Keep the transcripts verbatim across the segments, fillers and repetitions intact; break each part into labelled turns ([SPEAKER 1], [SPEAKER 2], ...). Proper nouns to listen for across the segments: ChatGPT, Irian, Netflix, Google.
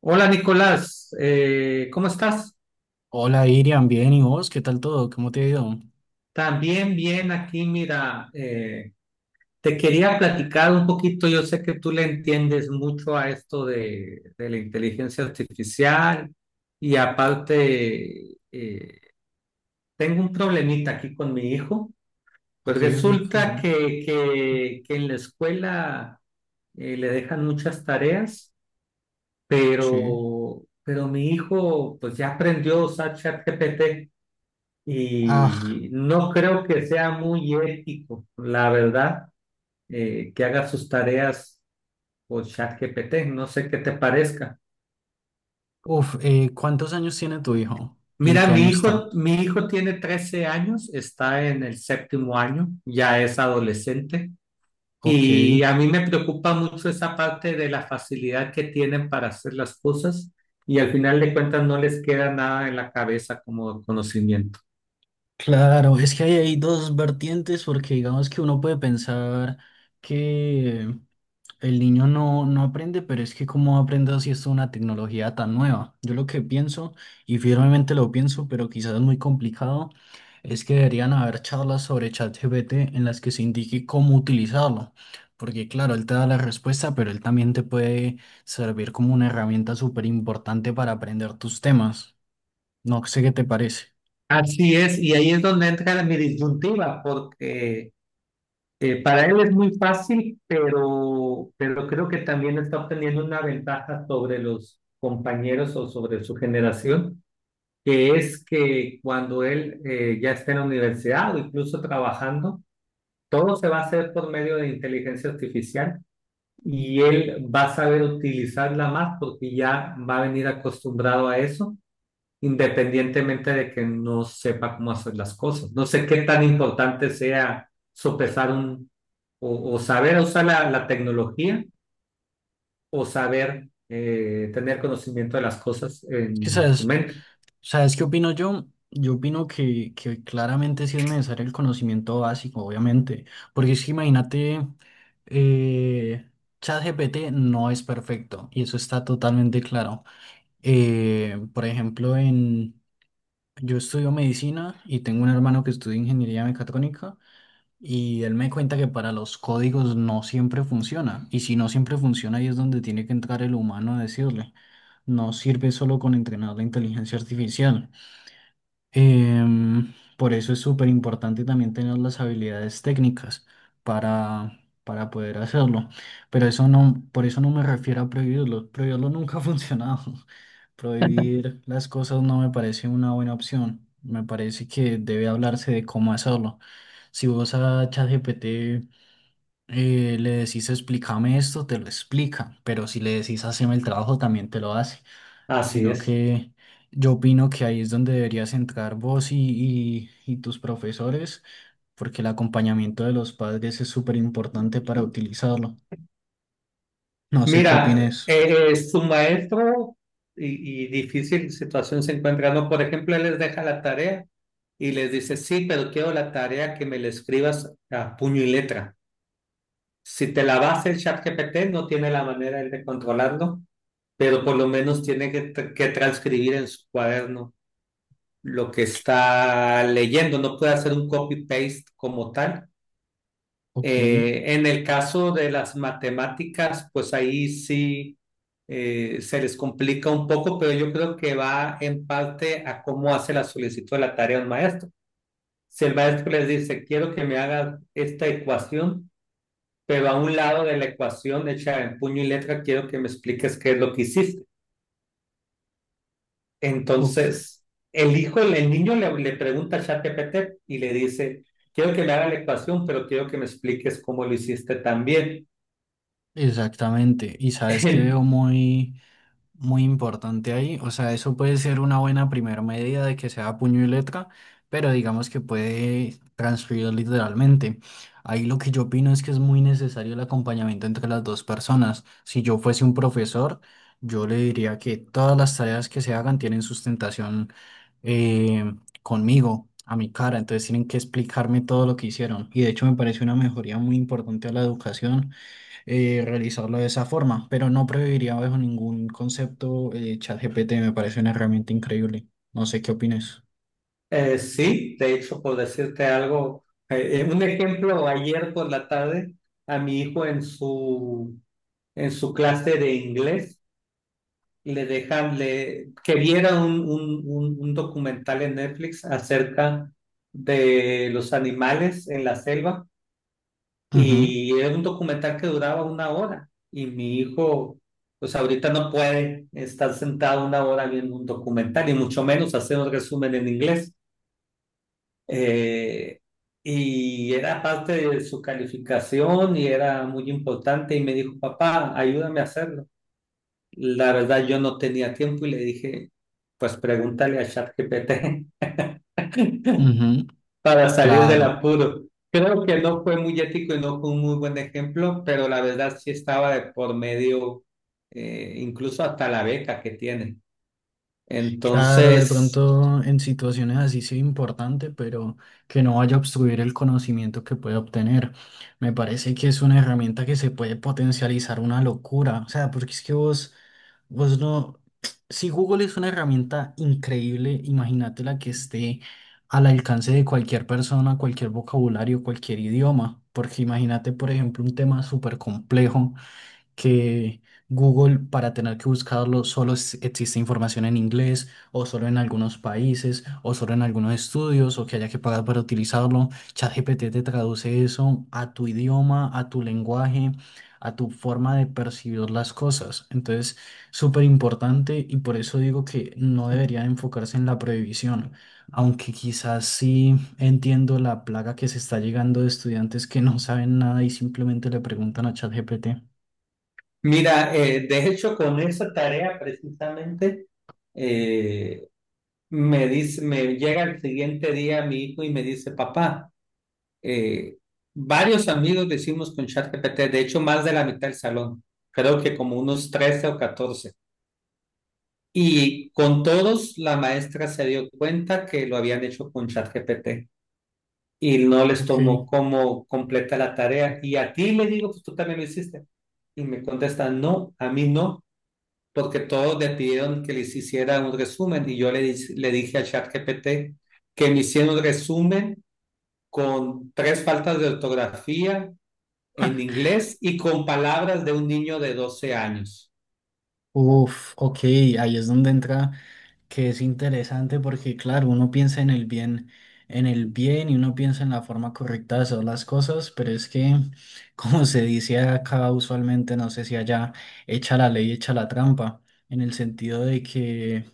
[SPEAKER 1] Hola Nicolás, eh, ¿cómo estás?
[SPEAKER 2] Hola Irian, bien, ¿y vos? ¿Qué tal todo? ¿Cómo te ha ido?
[SPEAKER 1] También bien aquí. Mira, eh, te quería platicar un poquito. Yo sé que tú le entiendes mucho a esto de, de la inteligencia artificial, y aparte eh, tengo un problemita aquí con mi hijo. Pues
[SPEAKER 2] Ok, ok,
[SPEAKER 1] resulta
[SPEAKER 2] contame.
[SPEAKER 1] que, que, que en la escuela eh, le dejan muchas tareas,
[SPEAKER 2] Sí.
[SPEAKER 1] pero, pero mi hijo pues ya aprendió a usar ChatGPT.
[SPEAKER 2] Ah,
[SPEAKER 1] Y no creo que sea muy ético, la verdad, eh, que haga sus tareas con ChatGPT. No sé qué te parezca.
[SPEAKER 2] uf, eh, ¿cuántos años tiene tu hijo? ¿Y en
[SPEAKER 1] Mira,
[SPEAKER 2] qué
[SPEAKER 1] mi
[SPEAKER 2] año
[SPEAKER 1] hijo,
[SPEAKER 2] está?
[SPEAKER 1] mi hijo tiene trece años, está en el séptimo año, ya es adolescente.
[SPEAKER 2] Ok.
[SPEAKER 1] Y a mí me preocupa mucho esa parte de la facilidad que tienen para hacer las cosas, y al final de cuentas no les queda nada en la cabeza como conocimiento.
[SPEAKER 2] Claro, es que hay, hay dos vertientes porque digamos que uno puede pensar que El niño no, no aprende, pero es que cómo aprende si es una tecnología tan nueva. Yo lo que pienso, y firmemente lo pienso, pero quizás es muy complicado, es que deberían haber charlas sobre ChatGPT en las que se indique cómo utilizarlo. Porque claro, él te da la respuesta, pero él también te puede servir como una herramienta súper importante para aprender tus temas. No sé qué te parece.
[SPEAKER 1] Así es, y ahí es donde entra mi disyuntiva. Porque Eh, para él es muy fácil, pero, pero creo que también está obteniendo una ventaja sobre los compañeros o sobre su generación, que es que cuando él eh, ya esté en la universidad o incluso trabajando, todo se va a hacer por medio de inteligencia artificial, y él va a saber utilizarla más porque ya va a venir acostumbrado a eso, independientemente de que no sepa cómo hacer las cosas. No sé qué tan importante sea sopesar un, o, o saber usar la, la tecnología, o saber eh, tener conocimiento de las cosas en su
[SPEAKER 2] Quizás,
[SPEAKER 1] mente.
[SPEAKER 2] ¿sabes qué opino yo? Yo opino que, que claramente sí es necesario el conocimiento básico, obviamente, porque es que imagínate, eh, ChatGPT no es perfecto y eso está totalmente claro. Eh, por ejemplo, en, yo estudio medicina y tengo un hermano que estudia ingeniería mecatrónica y él me cuenta que para los códigos no siempre funciona y si no siempre funciona ahí es donde tiene que entrar el humano a decirle, no sirve solo con entrenar la inteligencia artificial. Em, por eso es súper importante también tener las habilidades técnicas para, para poder hacerlo. Pero eso no, por eso no me refiero a prohibirlo. Prohibirlo nunca ha funcionado. Prohibir las cosas no me parece una buena opción. Me parece que debe hablarse de cómo hacerlo. Si vos a ChatGPT eh, le decís explícame esto, te lo explica, pero si le decís haceme el trabajo, también te lo hace.
[SPEAKER 1] Así
[SPEAKER 2] Sino
[SPEAKER 1] es.
[SPEAKER 2] que yo opino que ahí es donde deberías entrar vos y, y, y tus profesores, porque el acompañamiento de los padres es súper importante para utilizarlo. No sé qué
[SPEAKER 1] Mira,
[SPEAKER 2] opines.
[SPEAKER 1] eh, eh, su maestro y, y difícil situación se encuentra, ¿no? Por ejemplo, él les deja la tarea y les dice, sí, pero quiero la tarea que me la escribas a puño y letra. Si te la vas el ChatGPT, no tiene la manera él de controlarlo, pero por lo menos tiene que, tra- que transcribir en su cuaderno lo que está leyendo. No puede hacer un copy-paste como tal.
[SPEAKER 2] Ok,
[SPEAKER 1] Eh, en el caso de las matemáticas, pues ahí sí eh, se les complica un poco, pero yo creo que va en parte a cómo hace la solicitud de la tarea un maestro. Si el maestro les dice, quiero que me hagas esta ecuación, pero a un lado de la ecuación hecha en puño y letra, quiero que me expliques qué es lo que hiciste.
[SPEAKER 2] ok.
[SPEAKER 1] Entonces el hijo, el, niño le, le pregunta a ChatGPT y le dice, quiero que me haga la ecuación, pero quiero que me expliques cómo lo hiciste también.
[SPEAKER 2] Exactamente. Y sabes que veo muy... muy importante ahí, o sea, eso puede ser una buena primera medida de que sea puño y letra, pero digamos que puede transcribir literalmente. Ahí lo que yo opino es que es muy necesario el acompañamiento entre las dos personas. Si yo fuese un profesor, yo le diría que todas las tareas que se hagan tienen sustentación eh, conmigo, a mi cara, entonces tienen que explicarme todo lo que hicieron. Y de hecho me parece una mejoría muy importante a la educación eh, realizarlo de esa forma, pero no prohibiría bajo ningún concepto eh, ChatGPT, me parece una herramienta increíble. No sé qué opines.
[SPEAKER 1] Eh, sí, de hecho, por decirte algo, eh, eh, un ejemplo, ayer por la tarde, a mi hijo en su, en su clase de inglés, le dejan, le, que viera un, un, un- un documental en Netflix acerca de los animales en la selva. Y era un documental que duraba una hora, y mi hijo pues ahorita no puede estar sentado una hora viendo un documental, y mucho menos hacer un resumen en inglés. Eh, y era parte de su calificación y era muy importante, y me dijo, papá, ayúdame a hacerlo. La verdad, yo no tenía tiempo, y le dije, pues pregúntale a ChatGPT
[SPEAKER 2] Ujú, ujú.
[SPEAKER 1] para salir del
[SPEAKER 2] Claro.
[SPEAKER 1] apuro. Creo que no fue muy ético y no fue un muy buen ejemplo, pero la verdad sí estaba de por medio, eh, incluso hasta la beca que tiene.
[SPEAKER 2] Claro, de
[SPEAKER 1] Entonces,
[SPEAKER 2] pronto en situaciones así sí importante, pero que no vaya a obstruir el conocimiento que puede obtener. Me parece que es una herramienta que se puede potencializar una locura. O sea, porque es que vos, vos no. Si Google es una herramienta increíble, imagínate la que esté al alcance de cualquier persona, cualquier vocabulario, cualquier idioma. Porque imagínate, por ejemplo, un tema súper complejo que Google para tener que buscarlo solo es- existe información en inglés o solo en algunos países o solo en algunos estudios o que haya que pagar para utilizarlo. ChatGPT te traduce eso a tu idioma, a tu lenguaje, a tu forma de percibir las cosas. Entonces, súper importante y por eso digo que no debería enfocarse en la prohibición. Aunque quizás sí entiendo la plaga que se está llegando de estudiantes que no saben nada y simplemente le preguntan a ChatGPT.
[SPEAKER 1] mira, eh, de hecho, con esa tarea precisamente, eh, me dice, me llega el siguiente día mi hijo y me dice, papá. eh, Varios amigos decimos con ChatGPT, de hecho más de la mitad del salón, creo que como unos trece o catorce Y con todos la maestra se dio cuenta que lo habían hecho con ChatGPT, y no les
[SPEAKER 2] Ok,
[SPEAKER 1] tomó como completa la tarea. Y a ti le digo, pues tú también lo hiciste. Y me contestan, no, a mí no, porque todos le pidieron que les hiciera un resumen, y yo le, di- le dije a ChatGPT que me hiciera un resumen con tres faltas de ortografía, en inglés y con palabras de un niño de doce años.
[SPEAKER 2] uf, ok, ahí es donde entra que es interesante porque claro, uno piensa en el bien, en el bien y uno piensa en la forma correcta de hacer las cosas, pero es que como se dice acá usualmente, no sé si allá, echa la ley, echa la trampa, en el sentido de que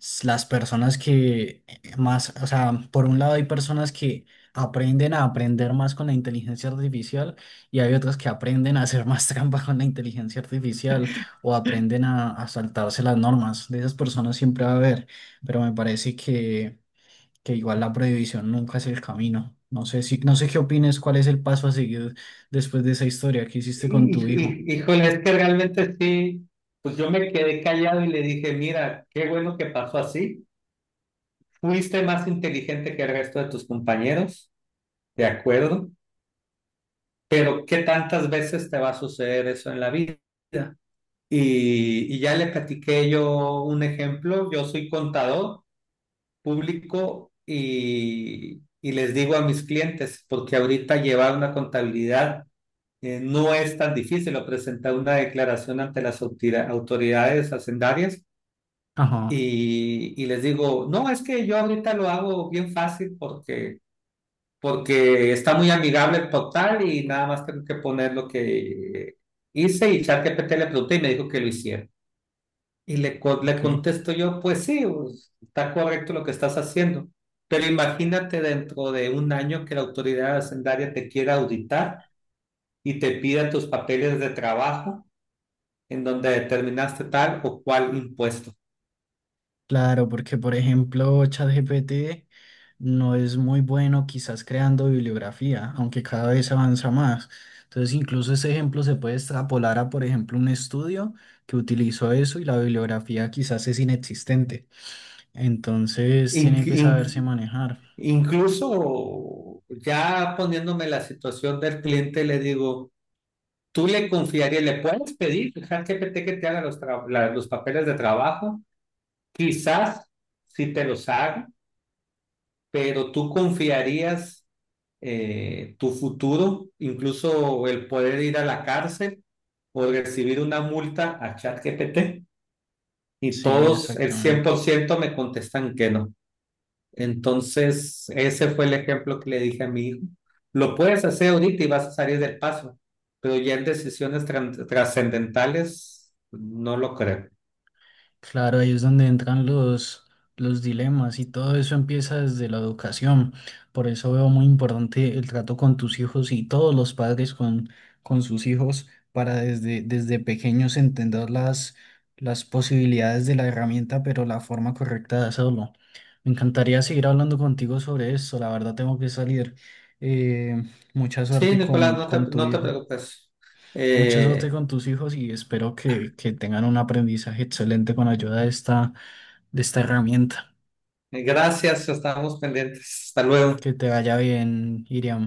[SPEAKER 2] s- las personas que eh, más, o sea, por un lado hay personas que aprenden a aprender más con la inteligencia artificial y hay otras que aprenden a hacer más trampa con la inteligencia artificial o aprenden a, a saltarse las normas. De esas personas siempre va a haber, pero me parece que, que igual la prohibición nunca es el camino. No sé si, no sé qué opines, cuál es el paso a seguir después de esa historia que hiciste con
[SPEAKER 1] Y,
[SPEAKER 2] tu hijo.
[SPEAKER 1] y- Híjole, es que realmente sí, pues yo me quedé callado y le dije, mira, qué bueno que pasó así. Fuiste más inteligente que el resto de tus compañeros, de acuerdo, pero ¿qué tantas veces te va a suceder eso en la vida? Y, y ya le platiqué yo un ejemplo. Yo soy contador público, y, y les digo a mis clientes, porque ahorita llevar una contabilidad, Eh, no es tan difícil, o presentar una declaración ante las autori- autoridades hacendarias.
[SPEAKER 2] Ajá,
[SPEAKER 1] Y, y les digo, no, es que yo ahorita lo hago bien fácil porque, porque está muy amigable el portal y nada más tengo que poner lo que hice, y ChatGPT le pregunté y me dijo que lo hiciera. Y le, co- le
[SPEAKER 2] ok.
[SPEAKER 1] contesto yo, pues sí, pues está correcto lo que estás haciendo, pero imagínate dentro de un año que la autoridad hacendaria te quiera auditar y te pida tus papeles de trabajo en donde determinaste tal o cual impuesto.
[SPEAKER 2] Claro, porque por ejemplo, ChatGPT no es muy bueno quizás creando bibliografía, aunque cada vez avanza más. Entonces, incluso ese ejemplo se puede extrapolar a, por ejemplo, un estudio que utilizó eso y la bibliografía quizás es inexistente. Entonces, tiene
[SPEAKER 1] Inc-
[SPEAKER 2] que saberse
[SPEAKER 1] inc-
[SPEAKER 2] manejar.
[SPEAKER 1] Incluso ya poniéndome la situación del cliente, le digo, tú le confiarías, le puedes pedir al G P T que te haga los, tra- la- los papeles de trabajo, quizás si te los haga, pero tú confiarías eh, tu futuro, incluso el poder ir a la cárcel o recibir una multa, a ChatGPT. Y
[SPEAKER 2] Sí,
[SPEAKER 1] todos, el cien
[SPEAKER 2] exactamente.
[SPEAKER 1] por ciento me contestan que no. Entonces, ese fue el ejemplo que le dije a mi hijo. Lo puedes hacer ahorita y vas a salir del paso, pero ya en decisiones tran- trascendentales no lo creo.
[SPEAKER 2] Claro, ahí es donde entran los, los dilemas y todo eso empieza desde la educación. Por eso veo muy importante el trato con tus hijos y todos los padres con, con sus hijos para desde, desde pequeños entender las, las posibilidades de la herramienta, pero la forma correcta de hacerlo. Me encantaría seguir hablando contigo sobre esto. La verdad tengo que salir. Eh, mucha
[SPEAKER 1] Sí,
[SPEAKER 2] suerte
[SPEAKER 1] Nicolás,
[SPEAKER 2] con,
[SPEAKER 1] no te,
[SPEAKER 2] con tu
[SPEAKER 1] no te
[SPEAKER 2] hijo.
[SPEAKER 1] preocupes.
[SPEAKER 2] Mucha suerte
[SPEAKER 1] Eh,
[SPEAKER 2] con tus hijos y espero que, que tengan un aprendizaje excelente con ayuda de esta, de esta herramienta.
[SPEAKER 1] Gracias, estamos pendientes. Hasta luego.
[SPEAKER 2] Que te vaya bien, Iriam.